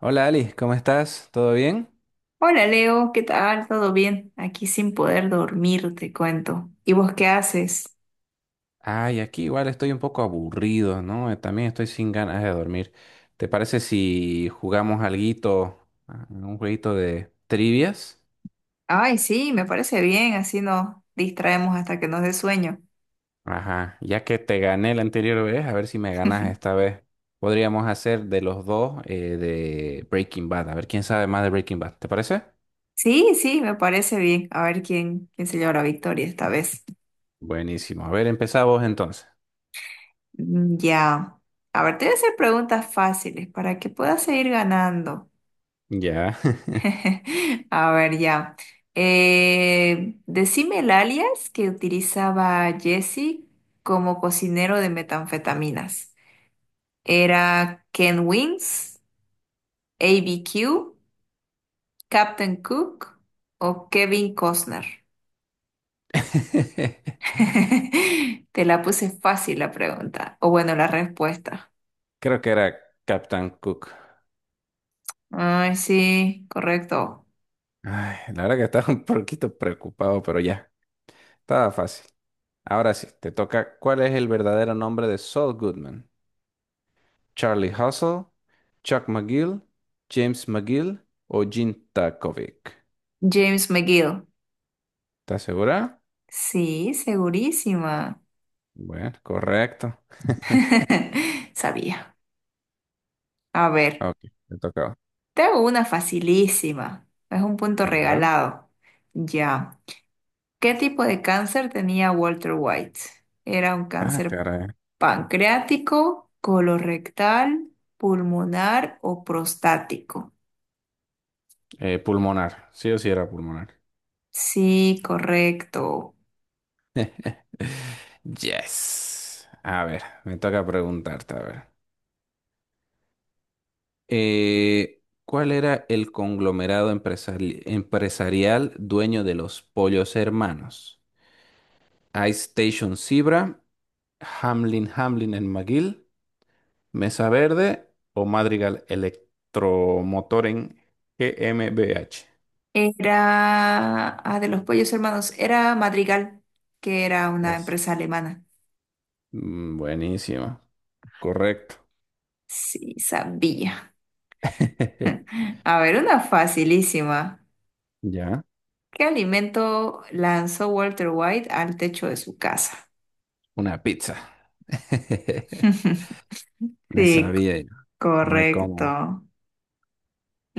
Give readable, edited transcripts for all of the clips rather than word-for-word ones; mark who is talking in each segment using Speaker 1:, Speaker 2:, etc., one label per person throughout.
Speaker 1: Hola Ali, ¿cómo estás? ¿Todo bien?
Speaker 2: Hola Leo, ¿qué tal? ¿Todo bien? Aquí sin poder dormir, te cuento. ¿Y vos qué haces?
Speaker 1: Ay, aquí igual estoy un poco aburrido, ¿no? También estoy sin ganas de dormir. ¿Te parece si jugamos alguito, un jueguito de trivias?
Speaker 2: Ay, sí, me parece bien, así nos distraemos hasta que nos dé sueño.
Speaker 1: Ajá, ya que te gané la anterior vez, a ver si me ganas esta vez. Podríamos hacer de los dos de Breaking Bad, a ver quién sabe más de Breaking Bad, ¿te parece?
Speaker 2: Sí, sí, me parece bien. A ver quién se lleva la victoria esta vez.
Speaker 1: Buenísimo, a ver, empezamos entonces.
Speaker 2: Mm, ya. A ver, te voy a hacer preguntas fáciles para que puedas seguir ganando.
Speaker 1: Ya.
Speaker 2: A ver, ya. Decime el alias que utilizaba Jesse como cocinero de metanfetaminas. ¿Era Ken Wins, ABQ, Captain Cook o Kevin Costner? Te la puse fácil la pregunta, o bueno, la respuesta.
Speaker 1: Creo que era Captain Cook.
Speaker 2: Ay, sí, correcto.
Speaker 1: Ay, la verdad que estaba un poquito preocupado, pero ya, estaba fácil. Ahora sí, te toca. ¿Cuál es el verdadero nombre de Saul Goodman? ¿Charlie Hustle, Chuck McGill, James McGill o Jean Takovic?
Speaker 2: James McGill.
Speaker 1: ¿Estás segura?
Speaker 2: Sí, segurísima.
Speaker 1: Bueno, correcto.
Speaker 2: Sabía. A ver,
Speaker 1: Ok, te toca.
Speaker 2: te hago una facilísima. Es un punto
Speaker 1: Bueno, a ver.
Speaker 2: regalado. Ya. ¿Qué tipo de cáncer tenía Walter White? ¿Era un
Speaker 1: Ah,
Speaker 2: cáncer
Speaker 1: caray.
Speaker 2: pancreático, colorectal, pulmonar o prostático?
Speaker 1: Pulmonar. Sí o sí era pulmonar.
Speaker 2: Sí, correcto.
Speaker 1: Yes. A ver, me toca preguntarte, a ver. ¿Cuál era el conglomerado empresarial dueño de los Pollos Hermanos? Ice Station Zebra, Hamlin Hamlin en McGill, Mesa Verde o Madrigal Electromotor en GmbH.
Speaker 2: Era, ah, de los pollos hermanos, era Madrigal, que era una
Speaker 1: Las-
Speaker 2: empresa alemana.
Speaker 1: Mm, buenísimo, correcto.
Speaker 2: Sí, sabía. A ver, una facilísima.
Speaker 1: Ya,
Speaker 2: ¿Qué alimento lanzó Walter White al techo de su casa?
Speaker 1: una pizza. Me
Speaker 2: Sí,
Speaker 1: sabía yo. No hay cómo,
Speaker 2: correcto.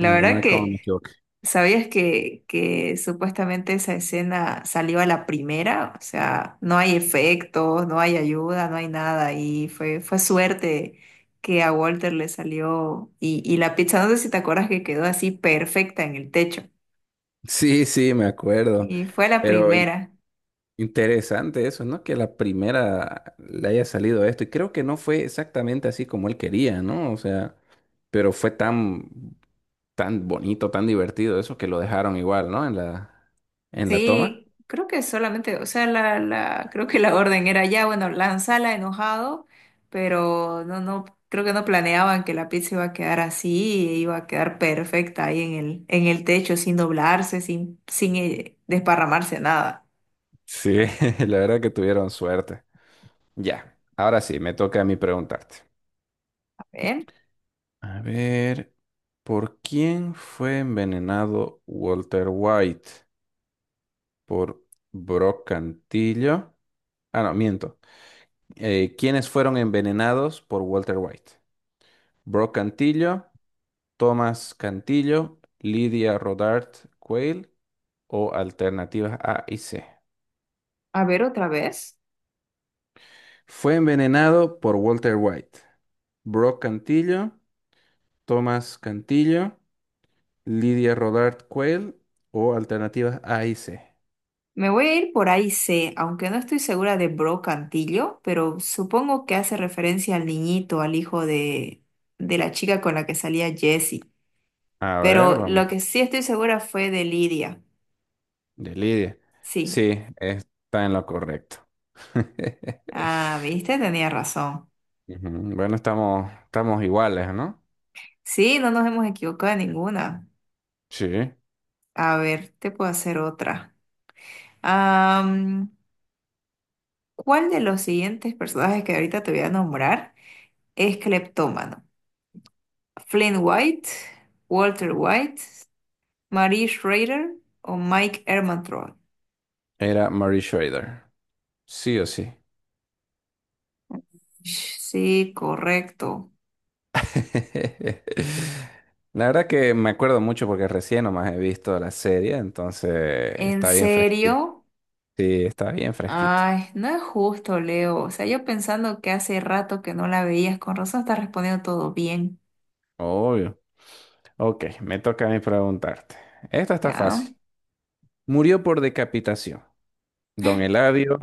Speaker 1: no hay no
Speaker 2: verdad
Speaker 1: hay cómo me
Speaker 2: que
Speaker 1: equivoqué.
Speaker 2: ¿Sabías que supuestamente esa escena salió a la primera? O sea, no hay efectos, no hay ayuda, no hay nada. Y fue suerte que a Walter le salió. Y la pizza, no sé si te acuerdas que quedó así perfecta en el techo.
Speaker 1: Sí, sí, me acuerdo.
Speaker 2: Y fue la
Speaker 1: Pero
Speaker 2: primera.
Speaker 1: interesante eso, ¿no? Que la primera le haya salido esto. Y creo que no fue exactamente así como él quería, ¿no? O sea, pero fue tan, tan bonito, tan divertido eso que lo dejaron igual, ¿no? En la toma.
Speaker 2: Sí, creo que solamente, o sea, creo que la orden era ya, bueno, lanzala enojado, pero no, creo que no planeaban que la pizza iba a quedar así, e iba a quedar perfecta ahí en el techo, sin doblarse, sin desparramarse nada.
Speaker 1: Sí, la verdad que tuvieron suerte. Ya, ahora sí, me toca a mí preguntarte.
Speaker 2: A ver,
Speaker 1: A ver, ¿por quién fue envenenado Walter White? ¿Por Brock Cantillo? Ah, no, miento. ¿Quiénes fueron envenenados por Walter White? Brock Cantillo, Thomas Cantillo, Lydia Rodart Quayle o alternativas A y C.
Speaker 2: a ver otra vez.
Speaker 1: Fue envenenado por Walter White. Brock Cantillo, Thomas Cantillo, Lydia Rodart Quayle o alternativas A y C.
Speaker 2: Me voy a ir por ahí C, aunque no estoy segura de Brocantillo, pero supongo que hace referencia al niñito, al hijo de la chica con la que salía Jessie.
Speaker 1: A ver,
Speaker 2: Pero
Speaker 1: vamos.
Speaker 2: lo que sí estoy segura fue de Lidia.
Speaker 1: De Lidia.
Speaker 2: Sí.
Speaker 1: Sí, está en lo correcto.
Speaker 2: Ah, viste, tenía razón.
Speaker 1: Ujú, bueno, estamos, estamos iguales, ¿no?
Speaker 2: Sí, no nos hemos equivocado en ninguna.
Speaker 1: Sí.
Speaker 2: A ver, te puedo hacer otra. Am, ¿Cuál de los siguientes personajes que ahorita te voy a nombrar es cleptómano? ¿Flynn White, Walter White, Marie Schrader o Mike Ehrmantraut?
Speaker 1: Era Mary Schrader. Sí o sí.
Speaker 2: Sí, correcto.
Speaker 1: La verdad que me acuerdo mucho porque recién nomás he visto la serie, entonces
Speaker 2: ¿En
Speaker 1: está bien fresquita.
Speaker 2: serio?
Speaker 1: Sí, está bien fresquita.
Speaker 2: Ay, no es justo, Leo. O sea, yo pensando que hace rato que no la veías, con razón estás respondiendo todo bien.
Speaker 1: Obvio. Ok, me toca a mí preguntarte. Esta está
Speaker 2: Ya,
Speaker 1: fácil. Murió por decapitación. Don Eladio,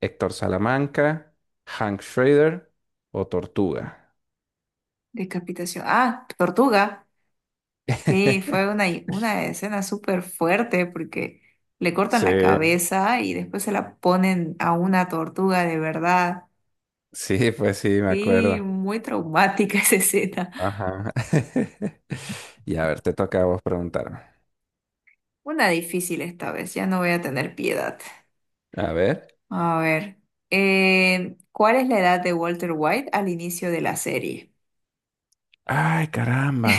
Speaker 1: Héctor Salamanca, Hank Schrader o Tortuga.
Speaker 2: decapitación. Ah, tortuga. Sí, fue una escena súper fuerte porque le cortan
Speaker 1: Sí,
Speaker 2: la cabeza y después se la ponen a una tortuga de verdad.
Speaker 1: sí, pues sí, me
Speaker 2: Sí,
Speaker 1: acuerdo.
Speaker 2: muy traumática esa escena.
Speaker 1: Ajá. Y a ver, te toca a vos preguntarme.
Speaker 2: Una difícil esta vez, ya no voy a tener piedad.
Speaker 1: A ver.
Speaker 2: A ver, ¿cuál es la edad de Walter White al inicio de la serie?
Speaker 1: Ay, caramba.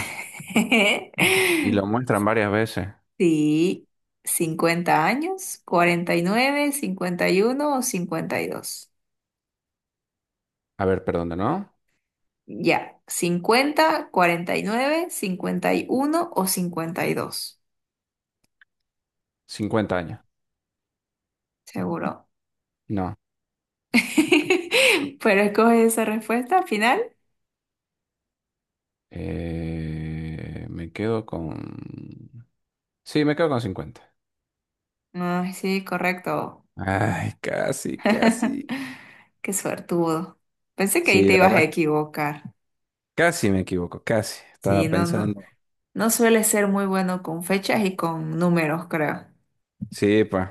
Speaker 1: Y lo muestran varias veces.
Speaker 2: Sí, 50 años, 49, 51 o 52.
Speaker 1: A ver, perdón, ¿de ¿no?
Speaker 2: Ya, 50, 49, cincuenta y uno o cincuenta y dos.
Speaker 1: 50 años.
Speaker 2: Seguro.
Speaker 1: No.
Speaker 2: Pero escoge esa respuesta al final.
Speaker 1: Me quedo con... Sí, me quedo con 50.
Speaker 2: Ay, sí, correcto.
Speaker 1: Ay, casi, casi.
Speaker 2: Qué suertudo. Pensé que ahí
Speaker 1: Sí,
Speaker 2: te
Speaker 1: la
Speaker 2: ibas a
Speaker 1: verdad,
Speaker 2: equivocar.
Speaker 1: casi me equivoco, casi.
Speaker 2: Sí,
Speaker 1: Estaba
Speaker 2: no, no.
Speaker 1: pensando.
Speaker 2: No suele ser muy bueno con fechas y con números, creo.
Speaker 1: Sí, pues.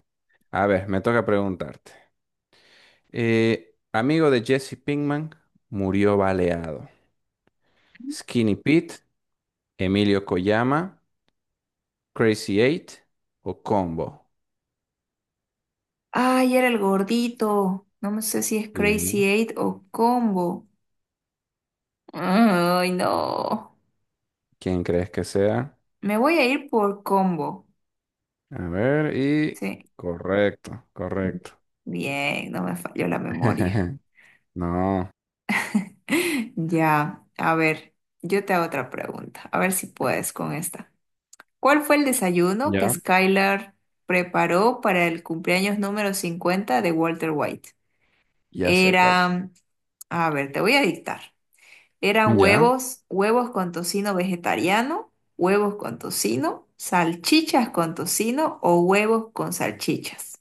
Speaker 1: A ver, me toca preguntarte. Amigo de Jesse Pinkman murió baleado. Skinny Pete, Emilio Koyama, Crazy Eight o Combo.
Speaker 2: Ay, era el gordito. No me sé si es Crazy
Speaker 1: Bien.
Speaker 2: Eight o Combo. Ay, no.
Speaker 1: ¿Quién crees que sea?
Speaker 2: Me voy a ir por Combo.
Speaker 1: A ver, y
Speaker 2: Sí.
Speaker 1: correcto, correcto.
Speaker 2: Bien, no me falló la memoria.
Speaker 1: No,
Speaker 2: Ya, a ver, yo te hago otra pregunta. A ver si puedes con esta. ¿Cuál fue el desayuno que
Speaker 1: ya,
Speaker 2: Skylar preparó para el cumpleaños número 50 de Walter White?
Speaker 1: ya sé cuál.
Speaker 2: Era, a ver, te voy a dictar. Eran
Speaker 1: Ya.
Speaker 2: huevos, huevos con tocino vegetariano, huevos con tocino, salchichas con tocino o huevos con salchichas.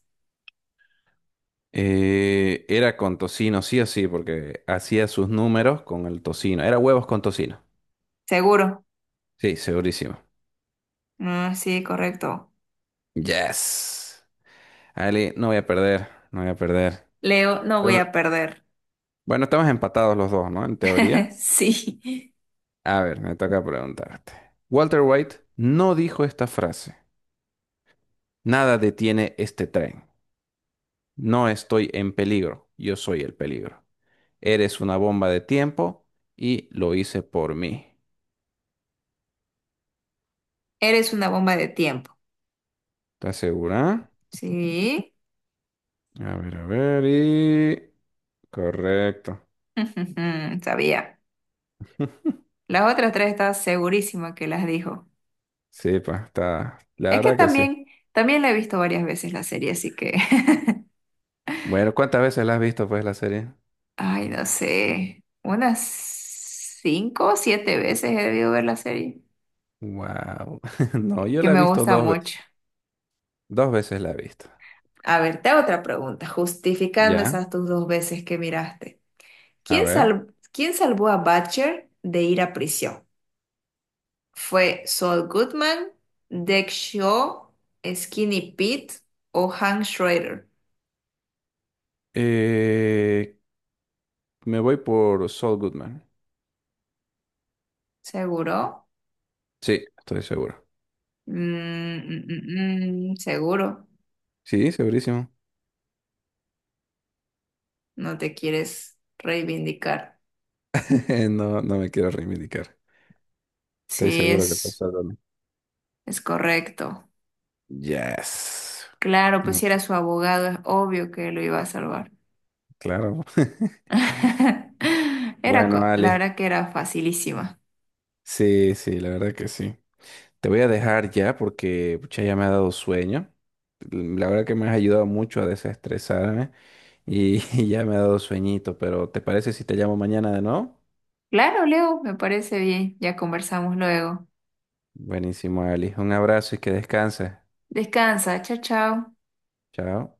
Speaker 1: Era con tocino, sí o sí, porque hacía sus números con el tocino. Era huevos con tocino.
Speaker 2: ¿Seguro?
Speaker 1: Sí, segurísimo.
Speaker 2: Ah, sí, correcto.
Speaker 1: Yes. Ali, no voy a perder, no voy a perder.
Speaker 2: Leo, no voy
Speaker 1: Pero-
Speaker 2: a perder.
Speaker 1: Bueno, estamos empatados los dos, ¿no? En teoría.
Speaker 2: Sí,
Speaker 1: A ver, me toca preguntarte. Walter White no dijo esta frase. Nada detiene este tren. No estoy en peligro, yo soy el peligro. Eres una bomba de tiempo y lo hice por mí.
Speaker 2: eres una bomba de tiempo.
Speaker 1: ¿Estás segura?
Speaker 2: Sí,
Speaker 1: A ver, y... Correcto.
Speaker 2: sabía. Las otras tres estás segurísima que las dijo.
Speaker 1: Sí, pues está... La
Speaker 2: Es que
Speaker 1: verdad que sí.
Speaker 2: también la he visto varias veces la serie, así que,
Speaker 1: Bueno, ¿cuántas veces la has visto, pues, la serie?
Speaker 2: ay, no sé, unas 5 o 7 veces he debido ver la serie.
Speaker 1: Wow. No, yo
Speaker 2: Que
Speaker 1: la he
Speaker 2: me
Speaker 1: visto
Speaker 2: gusta
Speaker 1: 2 veces.
Speaker 2: mucho.
Speaker 1: 2 veces la he visto.
Speaker 2: A ver, te hago otra pregunta, justificando
Speaker 1: Ya,
Speaker 2: esas tus 2 veces que miraste.
Speaker 1: a
Speaker 2: ¿Quién
Speaker 1: ver.
Speaker 2: sal- Quién salvó a Butcher de ir a prisión? ¿Fue Saul Goodman, Deck Shaw, Skinny Pete o Hank Schrader?
Speaker 1: Eh, me voy por Saul Goodman.
Speaker 2: ¿Seguro?
Speaker 1: Sí, estoy seguro.
Speaker 2: Seguro.
Speaker 1: Sí, segurísimo.
Speaker 2: No te quieres reivindicar.
Speaker 1: No, no me quiero reivindicar. Estoy
Speaker 2: Sí,
Speaker 1: seguro que pasó algo.
Speaker 2: es correcto.
Speaker 1: Yes.
Speaker 2: Claro, pues si era su abogado, es obvio que lo iba a salvar.
Speaker 1: Claro.
Speaker 2: Era,
Speaker 1: Bueno,
Speaker 2: la
Speaker 1: Ale.
Speaker 2: verdad que era facilísima.
Speaker 1: Sí, sí, la verdad que sí. Te voy a dejar ya porque pucha, ya me ha dado sueño. La verdad que me has ayudado mucho a desestresarme y, y ya me ha dado sueñito, pero ¿te parece si te llamo mañana de nuevo?
Speaker 2: Claro, Leo, me parece bien. Ya conversamos luego.
Speaker 1: Buenísimo, Ali. Un abrazo y que descanses.
Speaker 2: Descansa, chao, chao.
Speaker 1: Chao.